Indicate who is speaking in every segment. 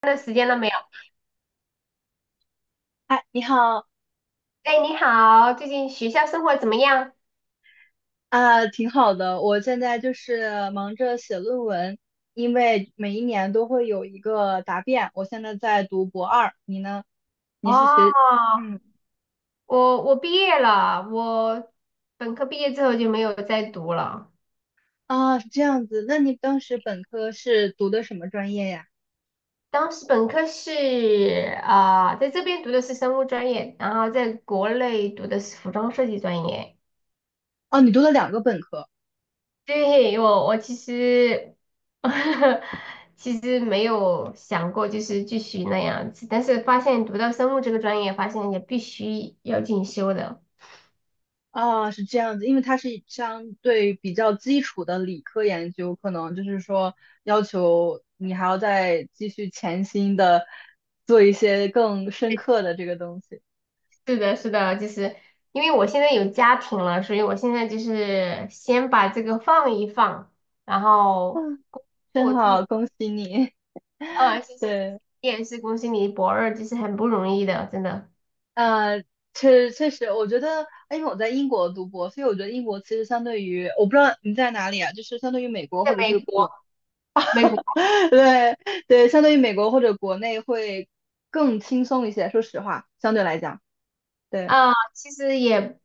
Speaker 1: 那时间了没有？
Speaker 2: 嗨，你好
Speaker 1: 哎，你好，最近学校生活怎么样？
Speaker 2: 啊，挺好的。我现在就是忙着写论文，因为每一年都会有一个答辩。我现在在读博二，你呢？你是学，
Speaker 1: 哦，
Speaker 2: 嗯，
Speaker 1: 我毕业了，我本科毕业之后就没有再读了。
Speaker 2: 啊，是这样子。那你当时本科是读的什么专业呀？
Speaker 1: 当时本科是在这边读的是生物专业，然后在国内读的是服装设计专业。
Speaker 2: 哦，你读了两个本科。
Speaker 1: 对，我其实 其实没有想过就是继续那样子，但是发现读到生物这个专业，发现也必须要进修的。
Speaker 2: 啊，是这样子，因为它是相对比较基础的理科研究，可能就是说要求你还要再继续潜心的做一些更深刻的这个东西。
Speaker 1: 是的，是的，就是因为我现在有家庭了，所以我现在就是先把这个放一放，然后
Speaker 2: 真
Speaker 1: 我最后，
Speaker 2: 好，恭喜你。
Speaker 1: 嗯，谢谢，谢谢
Speaker 2: 对，
Speaker 1: 你也是恭喜你博二，就是很不容易的，真的。
Speaker 2: 啊，确实，我觉得，因为我在英国读博，所以我觉得英国其实相对于，我不知道你在哪里啊，就是相对于美国或
Speaker 1: 在
Speaker 2: 者是
Speaker 1: 美国，
Speaker 2: 国，
Speaker 1: 美国
Speaker 2: 对对，相对于美国或者国内会更轻松一些。说实话，相对来讲，对，
Speaker 1: 其实也，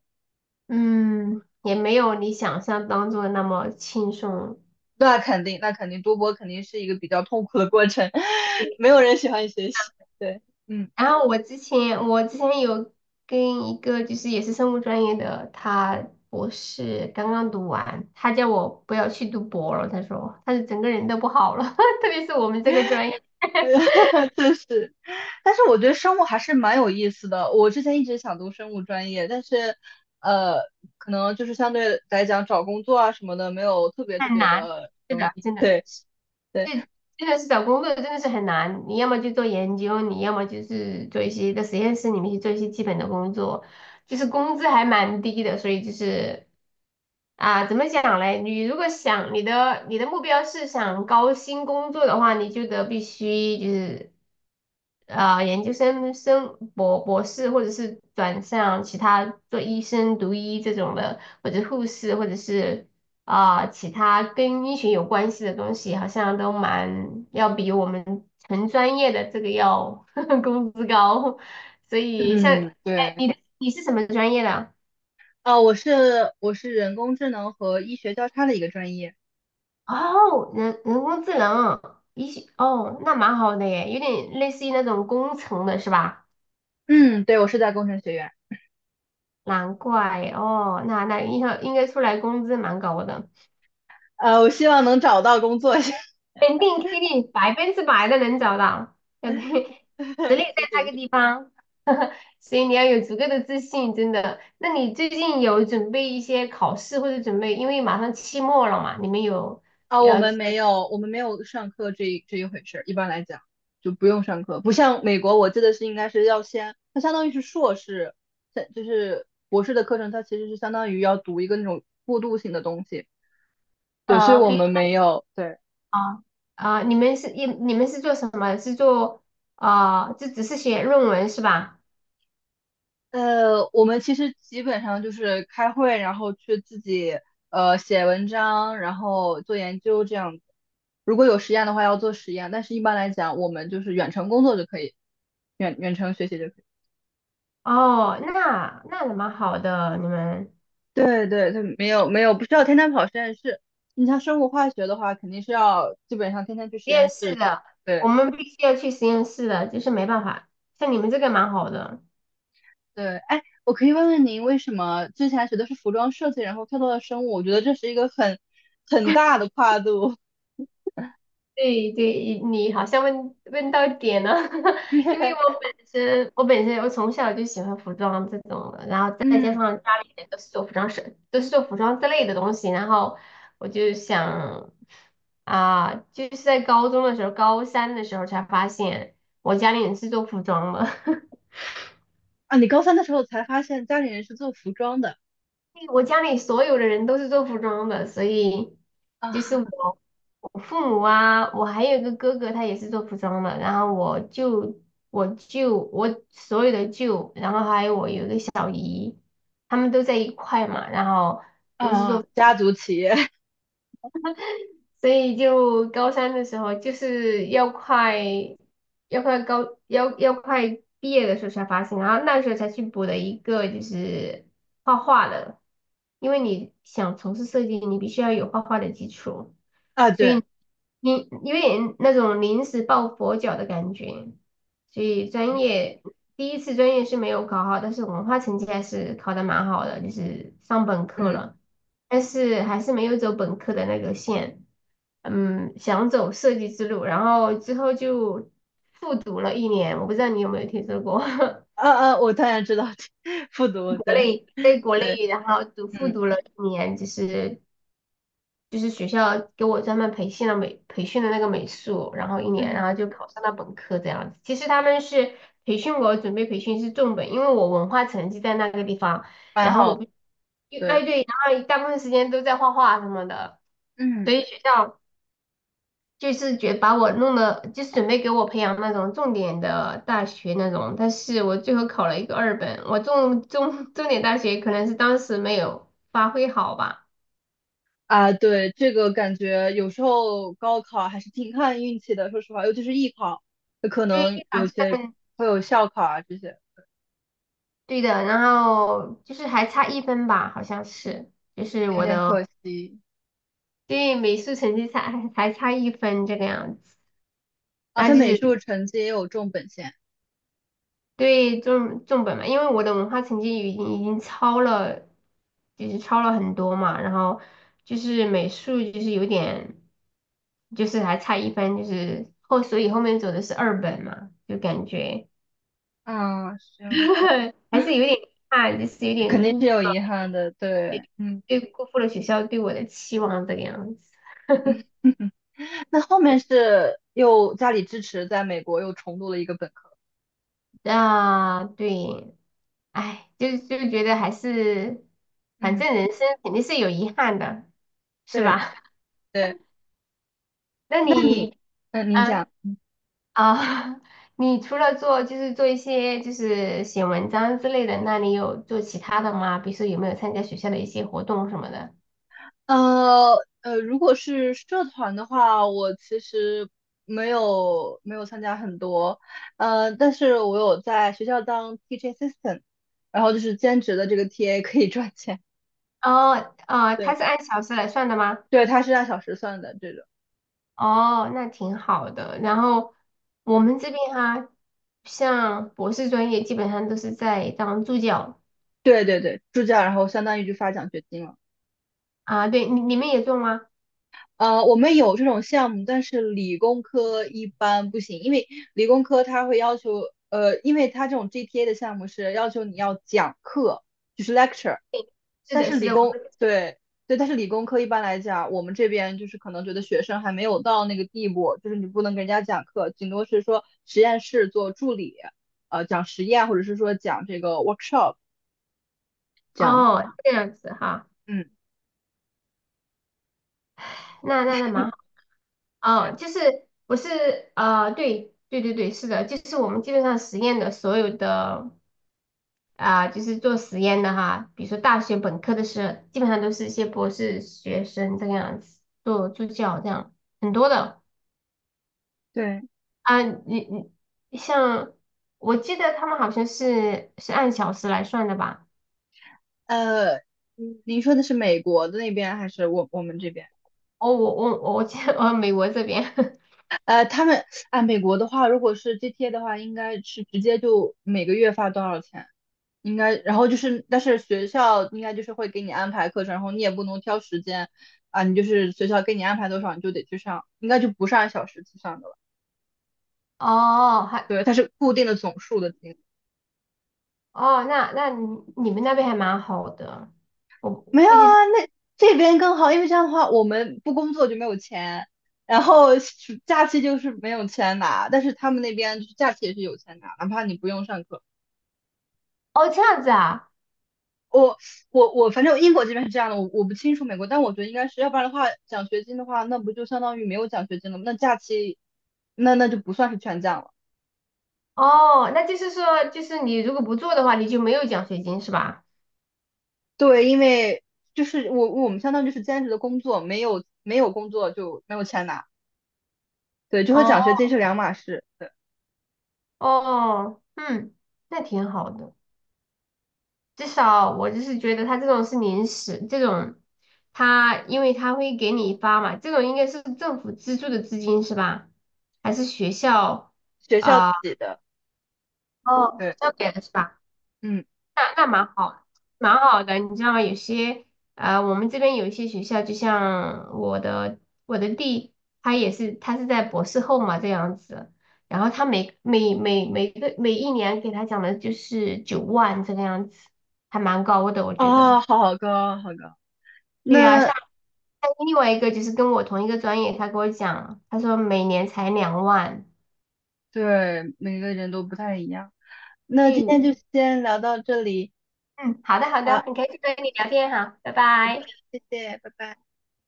Speaker 1: 也没有你想象当中的那么轻松。
Speaker 2: 那肯定，那肯定，读博肯定是一个比较痛苦的过程，没有人喜欢学习。对，嗯。
Speaker 1: 然后我之前有跟一个就是也是生物专业的，他博士刚刚读完，他叫我不要去读博了，他说他是整个人都不好了，特别是我们这个专业
Speaker 2: 哈哈，就是，但是我觉得生物还是蛮有意思的。我之前一直想读生物专业，但是，呃，可能就是相对来讲找工作啊什么的没有特别特
Speaker 1: 太
Speaker 2: 别
Speaker 1: 难，
Speaker 2: 的
Speaker 1: 是
Speaker 2: 容
Speaker 1: 的，
Speaker 2: 易。
Speaker 1: 真 的。
Speaker 2: 对对，
Speaker 1: 这真的是找工作真的是很难，你要么就做研究，你要么就是做一些在实验室里面去做一些基本的工作，就是工资还蛮低的，所以就是怎么讲嘞？你如果想你的目标是想高薪工作的话，你就得必须就是研究生生博士，或者是转向其他做医生、读医这种的，或者护士，或者是其他跟医学有关系的东西，好像都蛮要比我们纯专业的这个要 工资高。所以像，
Speaker 2: 嗯
Speaker 1: 哎，
Speaker 2: 对，
Speaker 1: 你是什么专业的？
Speaker 2: 啊、我是人工智能和医学交叉的一个专业。
Speaker 1: 哦，人工智能，医学，哦，那蛮好的耶，有点类似于那种工程的是吧？
Speaker 2: 嗯，对，我是在工程学院。
Speaker 1: 难怪哦，那应该出来工资蛮高的。
Speaker 2: 我希望能找到工作。谢
Speaker 1: 肯定肯定百分之百的能找到，要对 实力在
Speaker 2: 谢
Speaker 1: 那
Speaker 2: 谢
Speaker 1: 个
Speaker 2: 谢。
Speaker 1: 地方，所以你要有足够的自信，真的。那你最近有准备一些考试或者准备，因为马上期末了嘛，你们有
Speaker 2: 啊，我
Speaker 1: 呃
Speaker 2: 们没有，我们没有上课这一回事儿。一般来讲，就不用上课，不像美国，我记得是应该是要先，它相当于是硕士，在就是博士的课程，它其实是相当于要读一个那种过渡性的东西。对，所以我
Speaker 1: 比如
Speaker 2: 们没有，对，
Speaker 1: 啊你们是做什么？是做就只是写论文是吧？
Speaker 2: 我们其实基本上就是开会，然后去自己写文章，然后做研究这样子。如果有实验的话，要做实验，但是一般来讲，我们就是远程工作就可以，远程学习就可以。
Speaker 1: 哦，那也蛮好的，你们实
Speaker 2: 对对，他没有没有，不需要天天跑实验室。你像生物化学的话，肯定是要基本上天天去实
Speaker 1: 验
Speaker 2: 验
Speaker 1: 室
Speaker 2: 室的。
Speaker 1: 的，我
Speaker 2: 对
Speaker 1: 们必须要去实验室的，就是没办法，像你们这个蛮好的。
Speaker 2: 对，哎，我可以问问您，为什么之前学的是服装设计，然后跳到了生物？我觉得这是一个很大的跨度。
Speaker 1: 对对，你好像问到点了，因为我 本身我本身我从小就喜欢服装这种的，然后再加
Speaker 2: 嗯
Speaker 1: 上家里人都是做服装设，都是做服装之类的东西，然后我就想就是在高中的时候，高三的时候才发现我家里人是做服装的，
Speaker 2: 啊，你高三的时候才发现家里人是做服装的
Speaker 1: 我家里所有的人都是做服装的，所以就是
Speaker 2: 啊
Speaker 1: 我，我父母啊，我还有一个哥哥，他也是做服装的，然后我舅，我舅，我所有的舅，然后还有我有一个小，他们都在一块嘛，然后。都是
Speaker 2: 啊，
Speaker 1: 做。
Speaker 2: 家族企业
Speaker 1: 所以就高三的时候，就是要快要快高要要快毕业的时候才发现，然后那时候才去补了一个就是画画的，因为你想从事设计，你必须要有画画的基础，
Speaker 2: 啊，
Speaker 1: 所
Speaker 2: 对，
Speaker 1: 以你因为那种临时抱佛脚的感觉，所以专业第一次专业是没有考好，但是文化成绩还是考的蛮好的，就是上本科
Speaker 2: 嗯
Speaker 1: 了，但是还是没有走本科的那个线。嗯，想走设计之路，然后之后就复读了一年，我不知道你有没有听说过，
Speaker 2: 啊啊，我当然知道，复读，
Speaker 1: 国
Speaker 2: 对
Speaker 1: 内在 国
Speaker 2: 对，
Speaker 1: 内，然后读复
Speaker 2: 嗯
Speaker 1: 读了一年，就是就是学校给我专门培训了美培训的那个美术，然后一年，
Speaker 2: 嗯，
Speaker 1: 然后就考上了本科这样子。其实他们是培训我，准备培训是重本，因为我文化成绩在那个地方，
Speaker 2: 蛮
Speaker 1: 然后
Speaker 2: 好
Speaker 1: 我
Speaker 2: 的，
Speaker 1: 不，哎
Speaker 2: 对，
Speaker 1: 对，然后大部分时间都在画画什么的，
Speaker 2: 嗯。
Speaker 1: 所以学校。就是觉得把我弄的，就是准备给我培养那种重点的大学那种，但是我最后考了一个二本，我重点大学可能是当时没有发挥好吧，
Speaker 2: 啊，对，这个感觉有时候高考还是挺看运气的，说实话，尤其是艺考，有可
Speaker 1: 对，以
Speaker 2: 能
Speaker 1: 一考
Speaker 2: 有些
Speaker 1: 证
Speaker 2: 会有校考啊这些，
Speaker 1: 对的，然后就是还差一分吧，好像是，就是
Speaker 2: 有
Speaker 1: 我
Speaker 2: 点
Speaker 1: 的
Speaker 2: 可惜。
Speaker 1: 对美术成绩差还差一分这个样子，
Speaker 2: 啊，
Speaker 1: 然
Speaker 2: 他
Speaker 1: 后就
Speaker 2: 美
Speaker 1: 是
Speaker 2: 术成绩也有重本线，
Speaker 1: 对重本嘛，因为我的文化成绩已经超了，就是超了很多嘛，然后就是美术就是有点，就是还差一分，就是后所以后面走的是二本嘛，就感觉
Speaker 2: 啊，行，
Speaker 1: 还是有点怕，就是有
Speaker 2: 肯
Speaker 1: 点
Speaker 2: 定是
Speaker 1: 辜
Speaker 2: 有遗憾的，对，嗯，
Speaker 1: 对辜负了学校对我的期望这个样子。
Speaker 2: 那后面是又家里支持，在美国又重读了一个本科，
Speaker 1: 啊，对，哎，就是就觉得还是，反
Speaker 2: 嗯，
Speaker 1: 正人生肯定是有遗憾的，是
Speaker 2: 对
Speaker 1: 吧？
Speaker 2: 对，
Speaker 1: 那
Speaker 2: 那你，
Speaker 1: 你？
Speaker 2: 嗯，您
Speaker 1: 呃
Speaker 2: 讲。
Speaker 1: 啊，你除了做就是做一些就是写文章之类的，那你有做其他的吗？比如说有没有参加学校的一些活动什么的？
Speaker 2: 呃如果是社团的话，我其实没有没有参加很多，但是我有在学校当 teaching assistant，然后就是兼职的这个 TA 可以赚钱，
Speaker 1: 哦，呃，他
Speaker 2: 对
Speaker 1: 是按小时来算的吗？
Speaker 2: 对，它是按小时算的这种，
Speaker 1: 哦，那挺好的。然后我
Speaker 2: 嗯
Speaker 1: 们这边哈、像博士专业基本上都是在当助教
Speaker 2: 对对对，助教，然后相当于就发奖学金了。
Speaker 1: 啊，对，你们也做吗？
Speaker 2: 我们有这种项目，但是理工科一般不行，因为理工科它会要求，因为它这种 GPA 的项目是要求你要讲课，就是 lecture，
Speaker 1: 对，是
Speaker 2: 但
Speaker 1: 的，
Speaker 2: 是
Speaker 1: 是
Speaker 2: 理
Speaker 1: 的，我们
Speaker 2: 工，对对，但是理工科一般来讲，我们这边就是可能觉得学生还没有到那个地步，就是你不能给人家讲课，顶多是说实验室做助理，讲实验或者是说讲这个 workshop 这样子，
Speaker 1: 哦这样子哈，
Speaker 2: 嗯，
Speaker 1: 那蛮好。哦，就是不是呃，对对对对，是的，就是我们基本上实验的所有的就是做实验的哈，比如说大学本科的时候基本上都是一些博士学生这个样子做助教这样，很多的
Speaker 2: 对，
Speaker 1: 啊、你你像我记得他们好像是是按小时来算的吧？
Speaker 2: 呃，你您说的是美国的那边还是我们这边？
Speaker 1: 哦，我记得 哦，美国这边
Speaker 2: 他们啊，美国的话，如果是 GTA 的话，应该是直接就每个月发多少钱，应该，然后就是，但是学校应该就是会给你安排课程，然后你也不能挑时间啊，你就是学校给你安排多少，你就得去上，应该就不是按小时计算的了，
Speaker 1: 哦，还
Speaker 2: 对，它是固定的总数的金额。
Speaker 1: 哦，那那你们那边还蛮好的，我
Speaker 2: 没有啊，那这边更好，因为这样的话，我们不工作就没有钱，然后暑假期就是没有钱拿，但是他们那边就是假期也是有钱拿，哪怕你不用上课。
Speaker 1: 哦这样子啊。
Speaker 2: 我我我，反正英国这边是这样的，我不清楚美国，但我觉得应该是要不然的话，奖学金的话，那不就相当于没有奖学金了吗？那假期，那就不算是全奖了。
Speaker 1: 哦，那就是说，就是你如果不做的话，你就没有奖学金是吧？
Speaker 2: 对，因为就是我们相当于就是兼职的工作，没有没有工作就没有钱拿。对，就和奖学
Speaker 1: 哦
Speaker 2: 金是两码事。对，
Speaker 1: 哦，嗯，那挺好的。至少我就是觉得他这种是临时，这种他因为他会给你发嘛，这种应该是政府资助的资金是吧？还是学校
Speaker 2: 学校
Speaker 1: 啊？
Speaker 2: 给的。
Speaker 1: 哦，学
Speaker 2: 对，
Speaker 1: 校给的是吧？
Speaker 2: 嗯，
Speaker 1: 那蛮好，蛮好的。你知道有些呃，我们这边有一些学校，就像我的弟，他也是他在博士后嘛这样子，然后他每一年给他讲的就是9万这个样子，还蛮高的我觉
Speaker 2: 啊，
Speaker 1: 得。
Speaker 2: 好高，好高。
Speaker 1: 对呀、
Speaker 2: 那
Speaker 1: 像另外一个就是跟我同一个专业，他跟我讲，他说每年才2万。
Speaker 2: 对每个人都不太一样。那今
Speaker 1: 对，
Speaker 2: 天就先聊到这里，
Speaker 1: 嗯，好的好的，
Speaker 2: 好，
Speaker 1: 很开心跟你聊天哈，拜拜。
Speaker 2: 谢谢，拜拜。